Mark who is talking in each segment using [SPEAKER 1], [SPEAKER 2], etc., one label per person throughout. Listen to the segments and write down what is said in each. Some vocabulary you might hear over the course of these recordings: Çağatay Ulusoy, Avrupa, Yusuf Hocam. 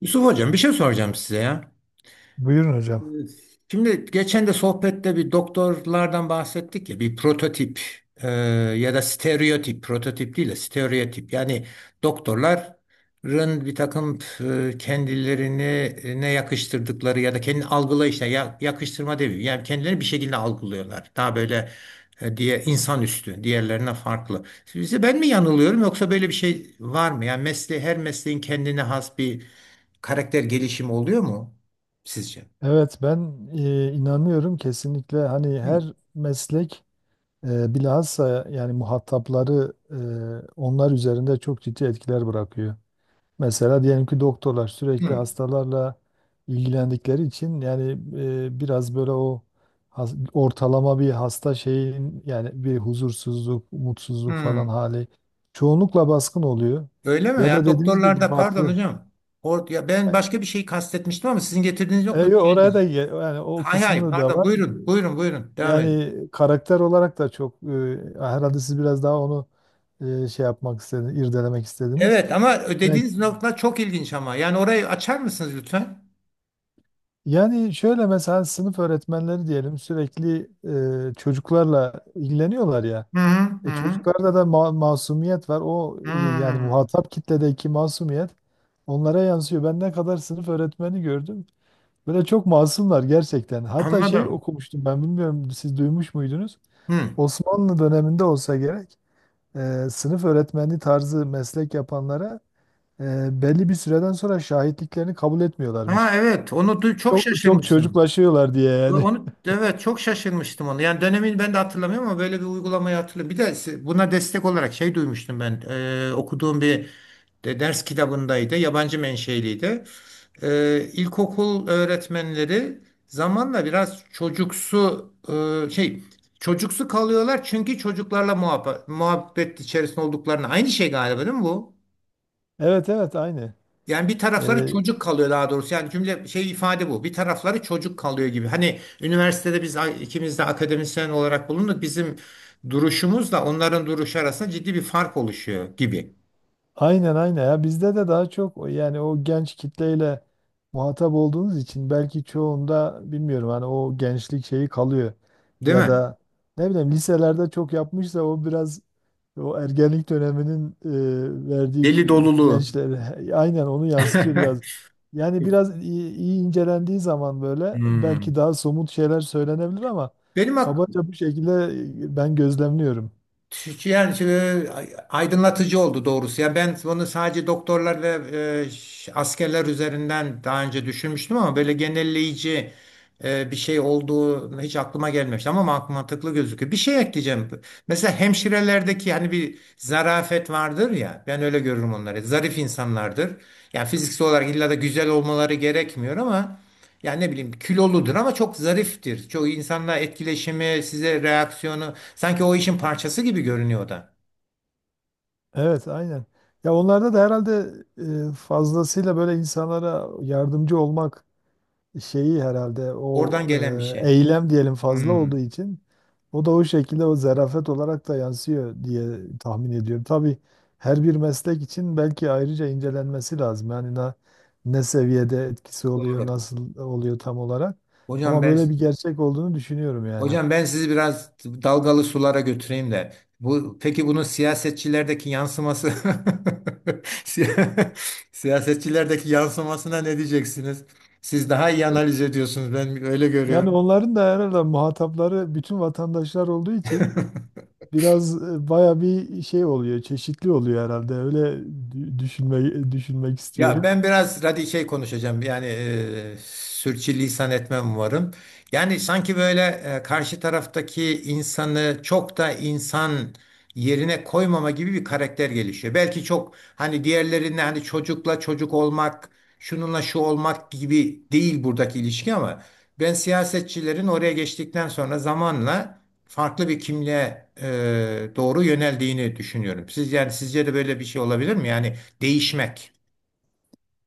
[SPEAKER 1] Yusuf Hocam bir şey soracağım size ya.
[SPEAKER 2] Buyurun hocam.
[SPEAKER 1] Şimdi geçen de sohbette bir doktorlardan bahsettik ya bir prototip e, ya da stereotip prototip değil de stereotip, yani doktorların bir takım kendilerine yakıştırdıkları ya da kendi algılayışına yakıştırma demiyorum, yani kendilerini bir şekilde algılıyorlar daha böyle diye insan üstü diğerlerine farklı. Sizi ben mi yanılıyorum yoksa böyle bir şey var mı? Yani mesleği, her mesleğin kendine has bir karakter gelişimi oluyor mu sizce?
[SPEAKER 2] Evet ben inanıyorum kesinlikle hani
[SPEAKER 1] Hı,
[SPEAKER 2] her meslek bilhassa yani muhatapları onlar üzerinde çok ciddi etkiler bırakıyor. Mesela diyelim ki doktorlar sürekli
[SPEAKER 1] hı,
[SPEAKER 2] hastalarla ilgilendikleri için yani biraz böyle o ortalama bir hasta şeyin yani bir huzursuzluk, mutsuzluk
[SPEAKER 1] hı.
[SPEAKER 2] falan hali çoğunlukla baskın oluyor.
[SPEAKER 1] Öyle mi?
[SPEAKER 2] Ya da
[SPEAKER 1] Yani
[SPEAKER 2] dediğiniz gibi
[SPEAKER 1] doktorlarda, pardon
[SPEAKER 2] farklı.
[SPEAKER 1] hocam. Or ya, ben
[SPEAKER 2] E,
[SPEAKER 1] başka bir şey kastetmiştim ama sizin getirdiğiniz yok mu?
[SPEAKER 2] yo, oraya da yani o
[SPEAKER 1] Hay hay,
[SPEAKER 2] kısmı da
[SPEAKER 1] pardon,
[SPEAKER 2] var.
[SPEAKER 1] buyurun buyurun buyurun, devam edin.
[SPEAKER 2] Yani karakter olarak da çok herhalde siz biraz daha onu şey yapmak istediniz, irdelemek istediniz.
[SPEAKER 1] Evet, ama
[SPEAKER 2] Yani,
[SPEAKER 1] dediğiniz nokta çok ilginç ama. Yani orayı açar mısınız lütfen?
[SPEAKER 2] yani şöyle mesela sınıf öğretmenleri diyelim sürekli çocuklarla ilgileniyorlar ya.
[SPEAKER 1] Hı hı
[SPEAKER 2] E,
[SPEAKER 1] hı.
[SPEAKER 2] çocuklarda da masumiyet var. O yani
[SPEAKER 1] Hı.
[SPEAKER 2] muhatap kitledeki masumiyet onlara yansıyor. Ben ne kadar sınıf öğretmeni gördüm. Böyle çok masumlar gerçekten. Hatta şey
[SPEAKER 1] Anladım.
[SPEAKER 2] okumuştum ben, bilmiyorum, siz duymuş muydunuz?
[SPEAKER 1] Hı.
[SPEAKER 2] Osmanlı döneminde olsa gerek. Sınıf öğretmenliği tarzı meslek yapanlara belli bir süreden sonra şahitliklerini kabul
[SPEAKER 1] Ha
[SPEAKER 2] etmiyorlarmış.
[SPEAKER 1] evet, çok
[SPEAKER 2] Çok çok
[SPEAKER 1] şaşırmıştım.
[SPEAKER 2] çocuklaşıyorlar diye yani.
[SPEAKER 1] Onu evet, çok şaşırmıştım onu. Yani dönemini ben de hatırlamıyorum ama böyle bir uygulamayı hatırlıyorum. Bir de si, buna destek olarak şey duymuştum ben. Okuduğum bir de ders kitabındaydı, yabancı menşeliydi. İlkokul öğretmenleri zamanla biraz çocuksu e, şey çocuksu kalıyorlar çünkü çocuklarla muhabbet içerisinde olduklarını, aynı şey galiba değil mi bu?
[SPEAKER 2] Evet evet aynı.
[SPEAKER 1] Yani bir tarafları
[SPEAKER 2] E,
[SPEAKER 1] çocuk kalıyor daha doğrusu. Yani cümle şey ifade bu. Bir tarafları çocuk kalıyor gibi. Hani üniversitede biz ikimiz de akademisyen olarak bulunduk. Bizim duruşumuzla onların duruşu arasında ciddi bir fark oluşuyor gibi.
[SPEAKER 2] Aynen aynen ya, bizde de daha çok yani o genç kitleyle muhatap olduğunuz için belki çoğunda bilmiyorum hani o gençlik şeyi kalıyor,
[SPEAKER 1] Değil
[SPEAKER 2] ya
[SPEAKER 1] mi?
[SPEAKER 2] da ne bileyim liselerde çok yapmışsa o biraz o ergenlik döneminin verdiği
[SPEAKER 1] Deli doluluğu.
[SPEAKER 2] gençlere aynen onu yansıtıyor biraz. Yani iyi incelendiği zaman böyle belki
[SPEAKER 1] Hmm.
[SPEAKER 2] daha somut şeyler söylenebilir ama
[SPEAKER 1] Benim ak-
[SPEAKER 2] kabaca bu şekilde ben gözlemliyorum.
[SPEAKER 1] Yani şimdi aydınlatıcı oldu doğrusu. Ya ben bunu sadece doktorlar ve askerler üzerinden daha önce düşünmüştüm ama böyle genelleyici bir şey olduğu hiç aklıma gelmemişti ama mantıklı gözüküyor. Bir şey ekleyeceğim. Mesela hemşirelerdeki, hani bir zarafet vardır ya, ben öyle görürüm onları. Zarif insanlardır. Yani fiziksel olarak illa da güzel olmaları gerekmiyor ama yani ne bileyim, kiloludur ama çok zariftir. Çok insanla etkileşimi, size reaksiyonu sanki o işin parçası gibi görünüyor da.
[SPEAKER 2] Evet, aynen. Ya onlarda da herhalde fazlasıyla böyle insanlara yardımcı olmak şeyi herhalde o
[SPEAKER 1] Oradan gelen bir şey.
[SPEAKER 2] eylem diyelim fazla
[SPEAKER 1] Hmm,
[SPEAKER 2] olduğu için o da o şekilde o zarafet olarak da yansıyor diye tahmin ediyorum. Tabii her bir meslek için belki ayrıca incelenmesi lazım. Yani ne seviyede etkisi oluyor,
[SPEAKER 1] doğru.
[SPEAKER 2] nasıl oluyor tam olarak.
[SPEAKER 1] Hocam
[SPEAKER 2] Ama
[SPEAKER 1] ben
[SPEAKER 2] böyle bir gerçek olduğunu düşünüyorum yani.
[SPEAKER 1] Hocam, ben sizi biraz dalgalı sulara götüreyim de. Bu, peki bunun siyasetçilerdeki yansıması Siya- siyasetçilerdeki yansımasına ne diyeceksiniz? Siz daha iyi analiz ediyorsunuz. Ben öyle
[SPEAKER 2] Yani
[SPEAKER 1] görüyorum.
[SPEAKER 2] onların da herhalde muhatapları bütün vatandaşlar olduğu için biraz baya bir şey oluyor, çeşitli oluyor herhalde. Öyle düşünmek
[SPEAKER 1] Ya
[SPEAKER 2] istiyorum.
[SPEAKER 1] ben biraz radikal şey konuşacağım. Yani sürçülisan etmem umarım. Yani sanki böyle karşı taraftaki insanı çok da insan yerine koymama gibi bir karakter gelişiyor. Belki çok hani diğerlerinde, hani çocukla çocuk olmak, şununla şu olmak gibi değil buradaki ilişki ama ben siyasetçilerin oraya geçtikten sonra zamanla farklı bir kimliğe doğru yöneldiğini düşünüyorum. Siz, yani sizce de böyle bir şey olabilir mi? Yani değişmek.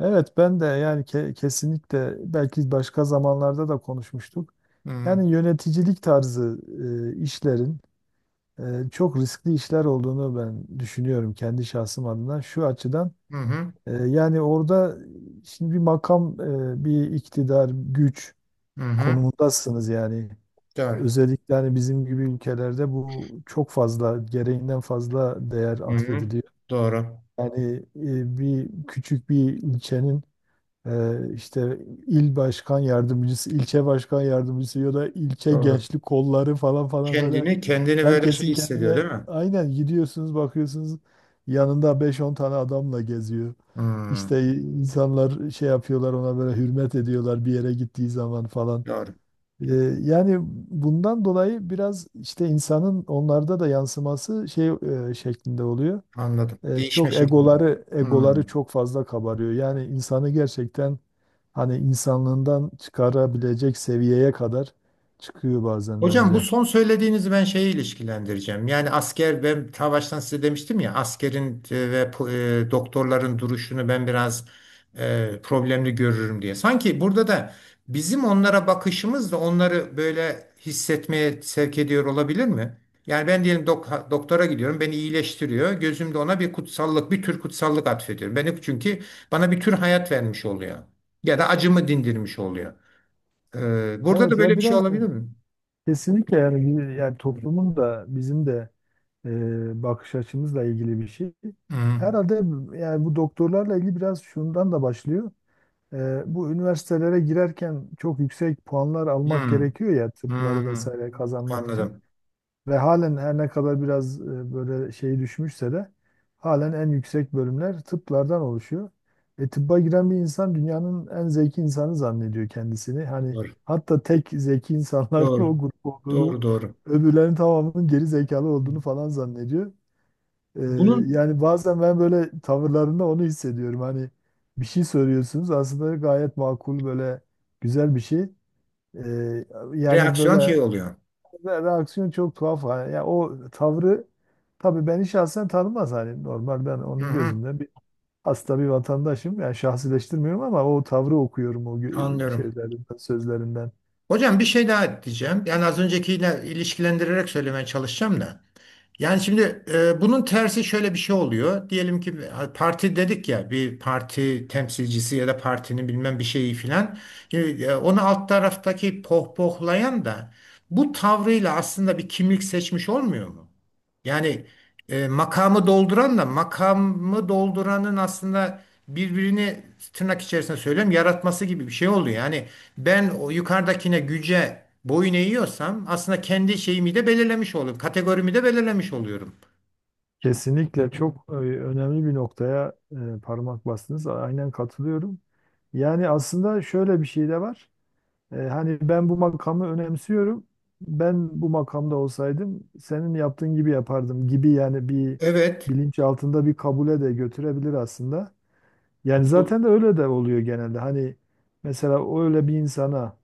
[SPEAKER 2] Evet, ben de yani kesinlikle, belki başka zamanlarda da konuşmuştuk.
[SPEAKER 1] Hı hı.
[SPEAKER 2] Yani yöneticilik tarzı işlerin çok riskli işler olduğunu ben düşünüyorum kendi şahsım adına. Şu açıdan
[SPEAKER 1] Hı hı.
[SPEAKER 2] yani orada şimdi bir makam, bir iktidar, güç
[SPEAKER 1] Hı hı.
[SPEAKER 2] konumundasınız yani.
[SPEAKER 1] Doğru.
[SPEAKER 2] Özellikle hani bizim gibi ülkelerde bu çok fazla, gereğinden fazla değer
[SPEAKER 1] Hı hı.
[SPEAKER 2] atfediliyor.
[SPEAKER 1] Doğru.
[SPEAKER 2] Yani bir küçük bir ilçenin işte il başkan yardımcısı, ilçe başkan yardımcısı ya da ilçe
[SPEAKER 1] Doğru.
[SPEAKER 2] gençlik kolları falan falan, böyle
[SPEAKER 1] Kendini, kendini böyle şey
[SPEAKER 2] herkesin
[SPEAKER 1] hissediyor
[SPEAKER 2] kendine,
[SPEAKER 1] değil mi?
[SPEAKER 2] aynen, gidiyorsunuz bakıyorsunuz yanında beş on tane adamla geziyor.
[SPEAKER 1] Hı.
[SPEAKER 2] İşte insanlar şey yapıyorlar, ona böyle hürmet ediyorlar bir yere gittiği zaman falan.
[SPEAKER 1] Doğru.
[SPEAKER 2] Ee, Yani bundan dolayı biraz işte insanın onlarda da yansıması şey şeklinde oluyor.
[SPEAKER 1] Anladım.
[SPEAKER 2] E,
[SPEAKER 1] Değişme
[SPEAKER 2] çok
[SPEAKER 1] şekli.
[SPEAKER 2] egoları egoları
[SPEAKER 1] Hı.
[SPEAKER 2] çok fazla kabarıyor. Yani insanı gerçekten hani insanlığından çıkarabilecek seviyeye kadar çıkıyor bazen
[SPEAKER 1] Hocam, bu
[SPEAKER 2] bence.
[SPEAKER 1] son söylediğinizi ben şeye ilişkilendireceğim. Yani asker, ben ta baştan size demiştim ya, askerin ve doktorların duruşunu ben biraz problemli görürüm diye. Sanki burada da bizim onlara bakışımız da onları böyle hissetmeye sevk ediyor olabilir mi? Yani ben diyelim doktora gidiyorum, beni iyileştiriyor. Gözümde ona bir kutsallık, bir tür kutsallık atfediyorum. Beni, çünkü bana bir tür hayat vermiş oluyor. Ya da acımı dindirmiş oluyor. E, burada da
[SPEAKER 2] Evet
[SPEAKER 1] böyle
[SPEAKER 2] ya
[SPEAKER 1] bir şey
[SPEAKER 2] biraz da
[SPEAKER 1] olabilir mi?
[SPEAKER 2] kesinlikle yani yani toplumun da bizim de bakış açımızla ilgili bir şey.
[SPEAKER 1] Hı.
[SPEAKER 2] Herhalde yani bu doktorlarla ilgili biraz şundan da başlıyor. Bu üniversitelere girerken çok yüksek puanlar almak
[SPEAKER 1] Hmm,
[SPEAKER 2] gerekiyor ya, tıpları
[SPEAKER 1] hmm,
[SPEAKER 2] vesaire kazanmak için.
[SPEAKER 1] anladım.
[SPEAKER 2] Ve halen her ne kadar biraz böyle şey düşmüşse de halen en yüksek bölümler tıplardan oluşuyor. E, tıbba giren bir insan dünyanın en zeki insanı zannediyor kendisini. Hani
[SPEAKER 1] Doğru.
[SPEAKER 2] hatta tek zeki insanların
[SPEAKER 1] Doğru.
[SPEAKER 2] o grup olduğunu,
[SPEAKER 1] Doğru doğru.
[SPEAKER 2] öbürlerin tamamının geri zekalı olduğunu falan zannediyor. Ee,
[SPEAKER 1] Bunun
[SPEAKER 2] yani bazen ben böyle tavırlarında onu hissediyorum. Hani bir şey söylüyorsunuz aslında gayet makul, böyle güzel bir şey. Ee, Yani
[SPEAKER 1] reaksiyon
[SPEAKER 2] böyle
[SPEAKER 1] şey oluyor.
[SPEAKER 2] reaksiyon çok tuhaf. Yani ya o tavrı, tabii beni şahsen tanımaz, hani normal, ben
[SPEAKER 1] Hı
[SPEAKER 2] onun
[SPEAKER 1] hı,
[SPEAKER 2] gözünden bir hasta bir vatandaşım. Yani şahsileştirmiyorum ama o tavrı okuyorum o
[SPEAKER 1] anlıyorum.
[SPEAKER 2] şeylerinden, sözlerinden.
[SPEAKER 1] Hocam, bir şey daha diyeceğim. Yani az öncekiyle ilişkilendirerek söylemeye çalışacağım da. Yani şimdi bunun tersi şöyle bir şey oluyor. Diyelim ki parti dedik ya, bir parti temsilcisi ya da partinin bilmem bir şeyi filan. Şimdi, onu alt taraftaki pohpohlayan da bu tavrıyla aslında bir kimlik seçmiş olmuyor mu? Yani E, makamı dolduranla makamı dolduranın aslında birbirini, tırnak içerisinde söylüyorum, yaratması gibi bir şey oluyor. Yani ben o yukarıdakine, güce boyun eğiyorsam aslında kendi şeyimi de belirlemiş oluyorum. Kategorimi de belirlemiş oluyorum.
[SPEAKER 2] Kesinlikle çok önemli bir noktaya parmak bastınız. Aynen katılıyorum. Yani aslında şöyle bir şey de var. E, hani ben bu makamı önemsiyorum. Ben bu makamda olsaydım senin yaptığın gibi yapardım gibi yani bir
[SPEAKER 1] Evet.
[SPEAKER 2] bilinç altında bir kabule de götürebilir aslında. Yani
[SPEAKER 1] Do-
[SPEAKER 2] zaten de öyle de oluyor genelde. Hani mesela öyle bir insana,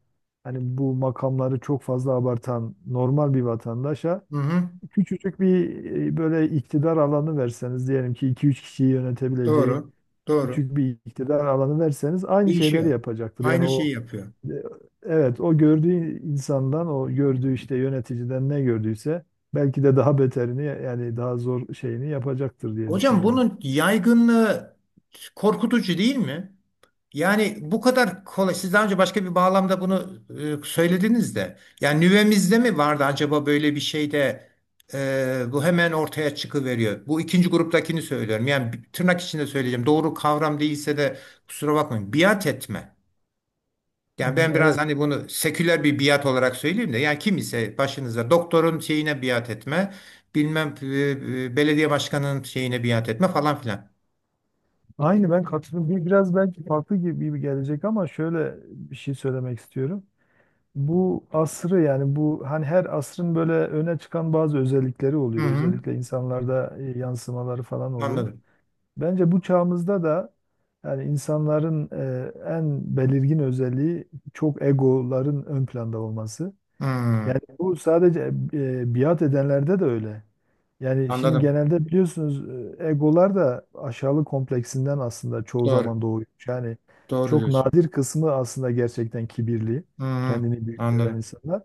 [SPEAKER 2] hani bu makamları çok fazla abartan normal bir vatandaşa
[SPEAKER 1] Hı hı,
[SPEAKER 2] küçücük bir böyle iktidar alanı verseniz, diyelim ki iki üç kişiyi yönetebileceği
[SPEAKER 1] doğru. Doğru.
[SPEAKER 2] küçük bir iktidar alanı verseniz, aynı şeyleri
[SPEAKER 1] Değişiyor.
[SPEAKER 2] yapacaktır. Yani
[SPEAKER 1] Aynı
[SPEAKER 2] o.
[SPEAKER 1] şeyi yapıyor.
[SPEAKER 2] Evet, o gördüğü insandan, o gördüğü işte yöneticiden ne gördüyse belki de daha beterini, yani daha zor şeyini yapacaktır diye
[SPEAKER 1] Hocam,
[SPEAKER 2] düşünüyorum.
[SPEAKER 1] bunun yaygınlığı korkutucu değil mi? Yani bu kadar kolay. Siz daha önce başka bir bağlamda bunu söylediniz de. Yani nüvemizde mi vardı acaba böyle bir şey de bu hemen ortaya çıkıveriyor. Bu ikinci gruptakini söylüyorum. Yani tırnak içinde söyleyeceğim, doğru kavram değilse de kusura bakmayın: biat etme. Yani
[SPEAKER 2] Hmm,
[SPEAKER 1] ben biraz
[SPEAKER 2] evet.
[SPEAKER 1] hani bunu seküler bir biat olarak söyleyeyim de. Yani kim ise başınıza, doktorun şeyine biat etme. Bilmem belediye başkanının şeyine biat etme falan filan.
[SPEAKER 2] Aynı ben katılıyorum. Biraz belki farklı gibi gibi gelecek ama şöyle bir şey söylemek istiyorum. Bu asrı, yani bu, hani her asrın böyle öne çıkan bazı özellikleri
[SPEAKER 1] Hı
[SPEAKER 2] oluyor.
[SPEAKER 1] hı.
[SPEAKER 2] Özellikle insanlarda yansımaları falan oluyor.
[SPEAKER 1] Anladım.
[SPEAKER 2] Bence bu çağımızda da yani insanların en belirgin özelliği çok egoların ön planda olması.
[SPEAKER 1] Hı,
[SPEAKER 2] Yani bu sadece biat edenlerde de öyle. Yani şimdi
[SPEAKER 1] anladım.
[SPEAKER 2] genelde biliyorsunuz egolar da aşağılık kompleksinden aslında çoğu
[SPEAKER 1] Doğru.
[SPEAKER 2] zaman doğuyor. Yani
[SPEAKER 1] Doğru
[SPEAKER 2] çok
[SPEAKER 1] diyorsun.
[SPEAKER 2] nadir kısmı aslında gerçekten kibirli,
[SPEAKER 1] Hı hı,
[SPEAKER 2] kendini büyük gören
[SPEAKER 1] anladım.
[SPEAKER 2] insanlar.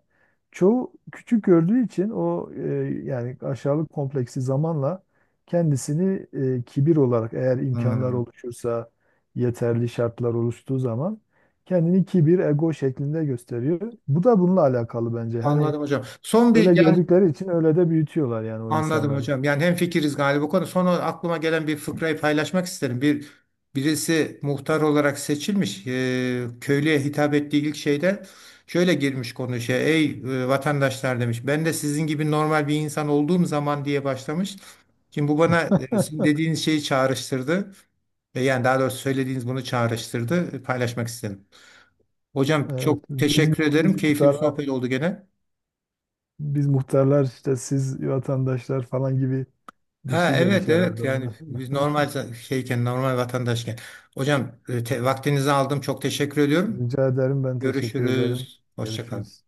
[SPEAKER 2] Çoğu küçük gördüğü için o yani aşağılık kompleksi zamanla kendisini kibir olarak, eğer
[SPEAKER 1] Hı,
[SPEAKER 2] imkanlar
[SPEAKER 1] hı.
[SPEAKER 2] oluşursa, yeterli şartlar oluştuğu zaman kendini kibir, ego şeklinde gösteriyor. Bu da bununla alakalı bence. Hani
[SPEAKER 1] Anladım hocam. Son bir
[SPEAKER 2] öyle
[SPEAKER 1] yani
[SPEAKER 2] gördükleri için öyle de büyütüyorlar yani o
[SPEAKER 1] anladım
[SPEAKER 2] insanları.
[SPEAKER 1] hocam. Yani hemfikiriz galiba bu konu. Son olarak aklıma gelen bir fıkrayı paylaşmak isterim. Bir birisi muhtar olarak seçilmiş. Köylüye hitap ettiği ilk şeyde şöyle girmiş, konuşuyor. Ey vatandaşlar, demiş. Ben de sizin gibi normal bir insan olduğum zaman, diye başlamış. Şimdi bu bana sizin dediğiniz şeyi çağrıştırdı. E, yani daha doğrusu söylediğiniz bunu çağrıştırdı. E, paylaşmak istedim. Hocam,
[SPEAKER 2] Evet,
[SPEAKER 1] çok teşekkür
[SPEAKER 2] biz
[SPEAKER 1] ederim. Keyifli bir
[SPEAKER 2] muhtarlar
[SPEAKER 1] sohbet oldu gene.
[SPEAKER 2] biz muhtarlar işte siz vatandaşlar falan gibi bir
[SPEAKER 1] Ha
[SPEAKER 2] şey demiş
[SPEAKER 1] evet evet,
[SPEAKER 2] herhalde
[SPEAKER 1] yani
[SPEAKER 2] onlar.
[SPEAKER 1] biz şeyken, normal vatandaşken. Hocam vaktinizi aldım. Çok teşekkür ediyorum.
[SPEAKER 2] Rica ederim, ben teşekkür ederim.
[SPEAKER 1] Görüşürüz. Hoşça kalın.
[SPEAKER 2] Görüşürüz.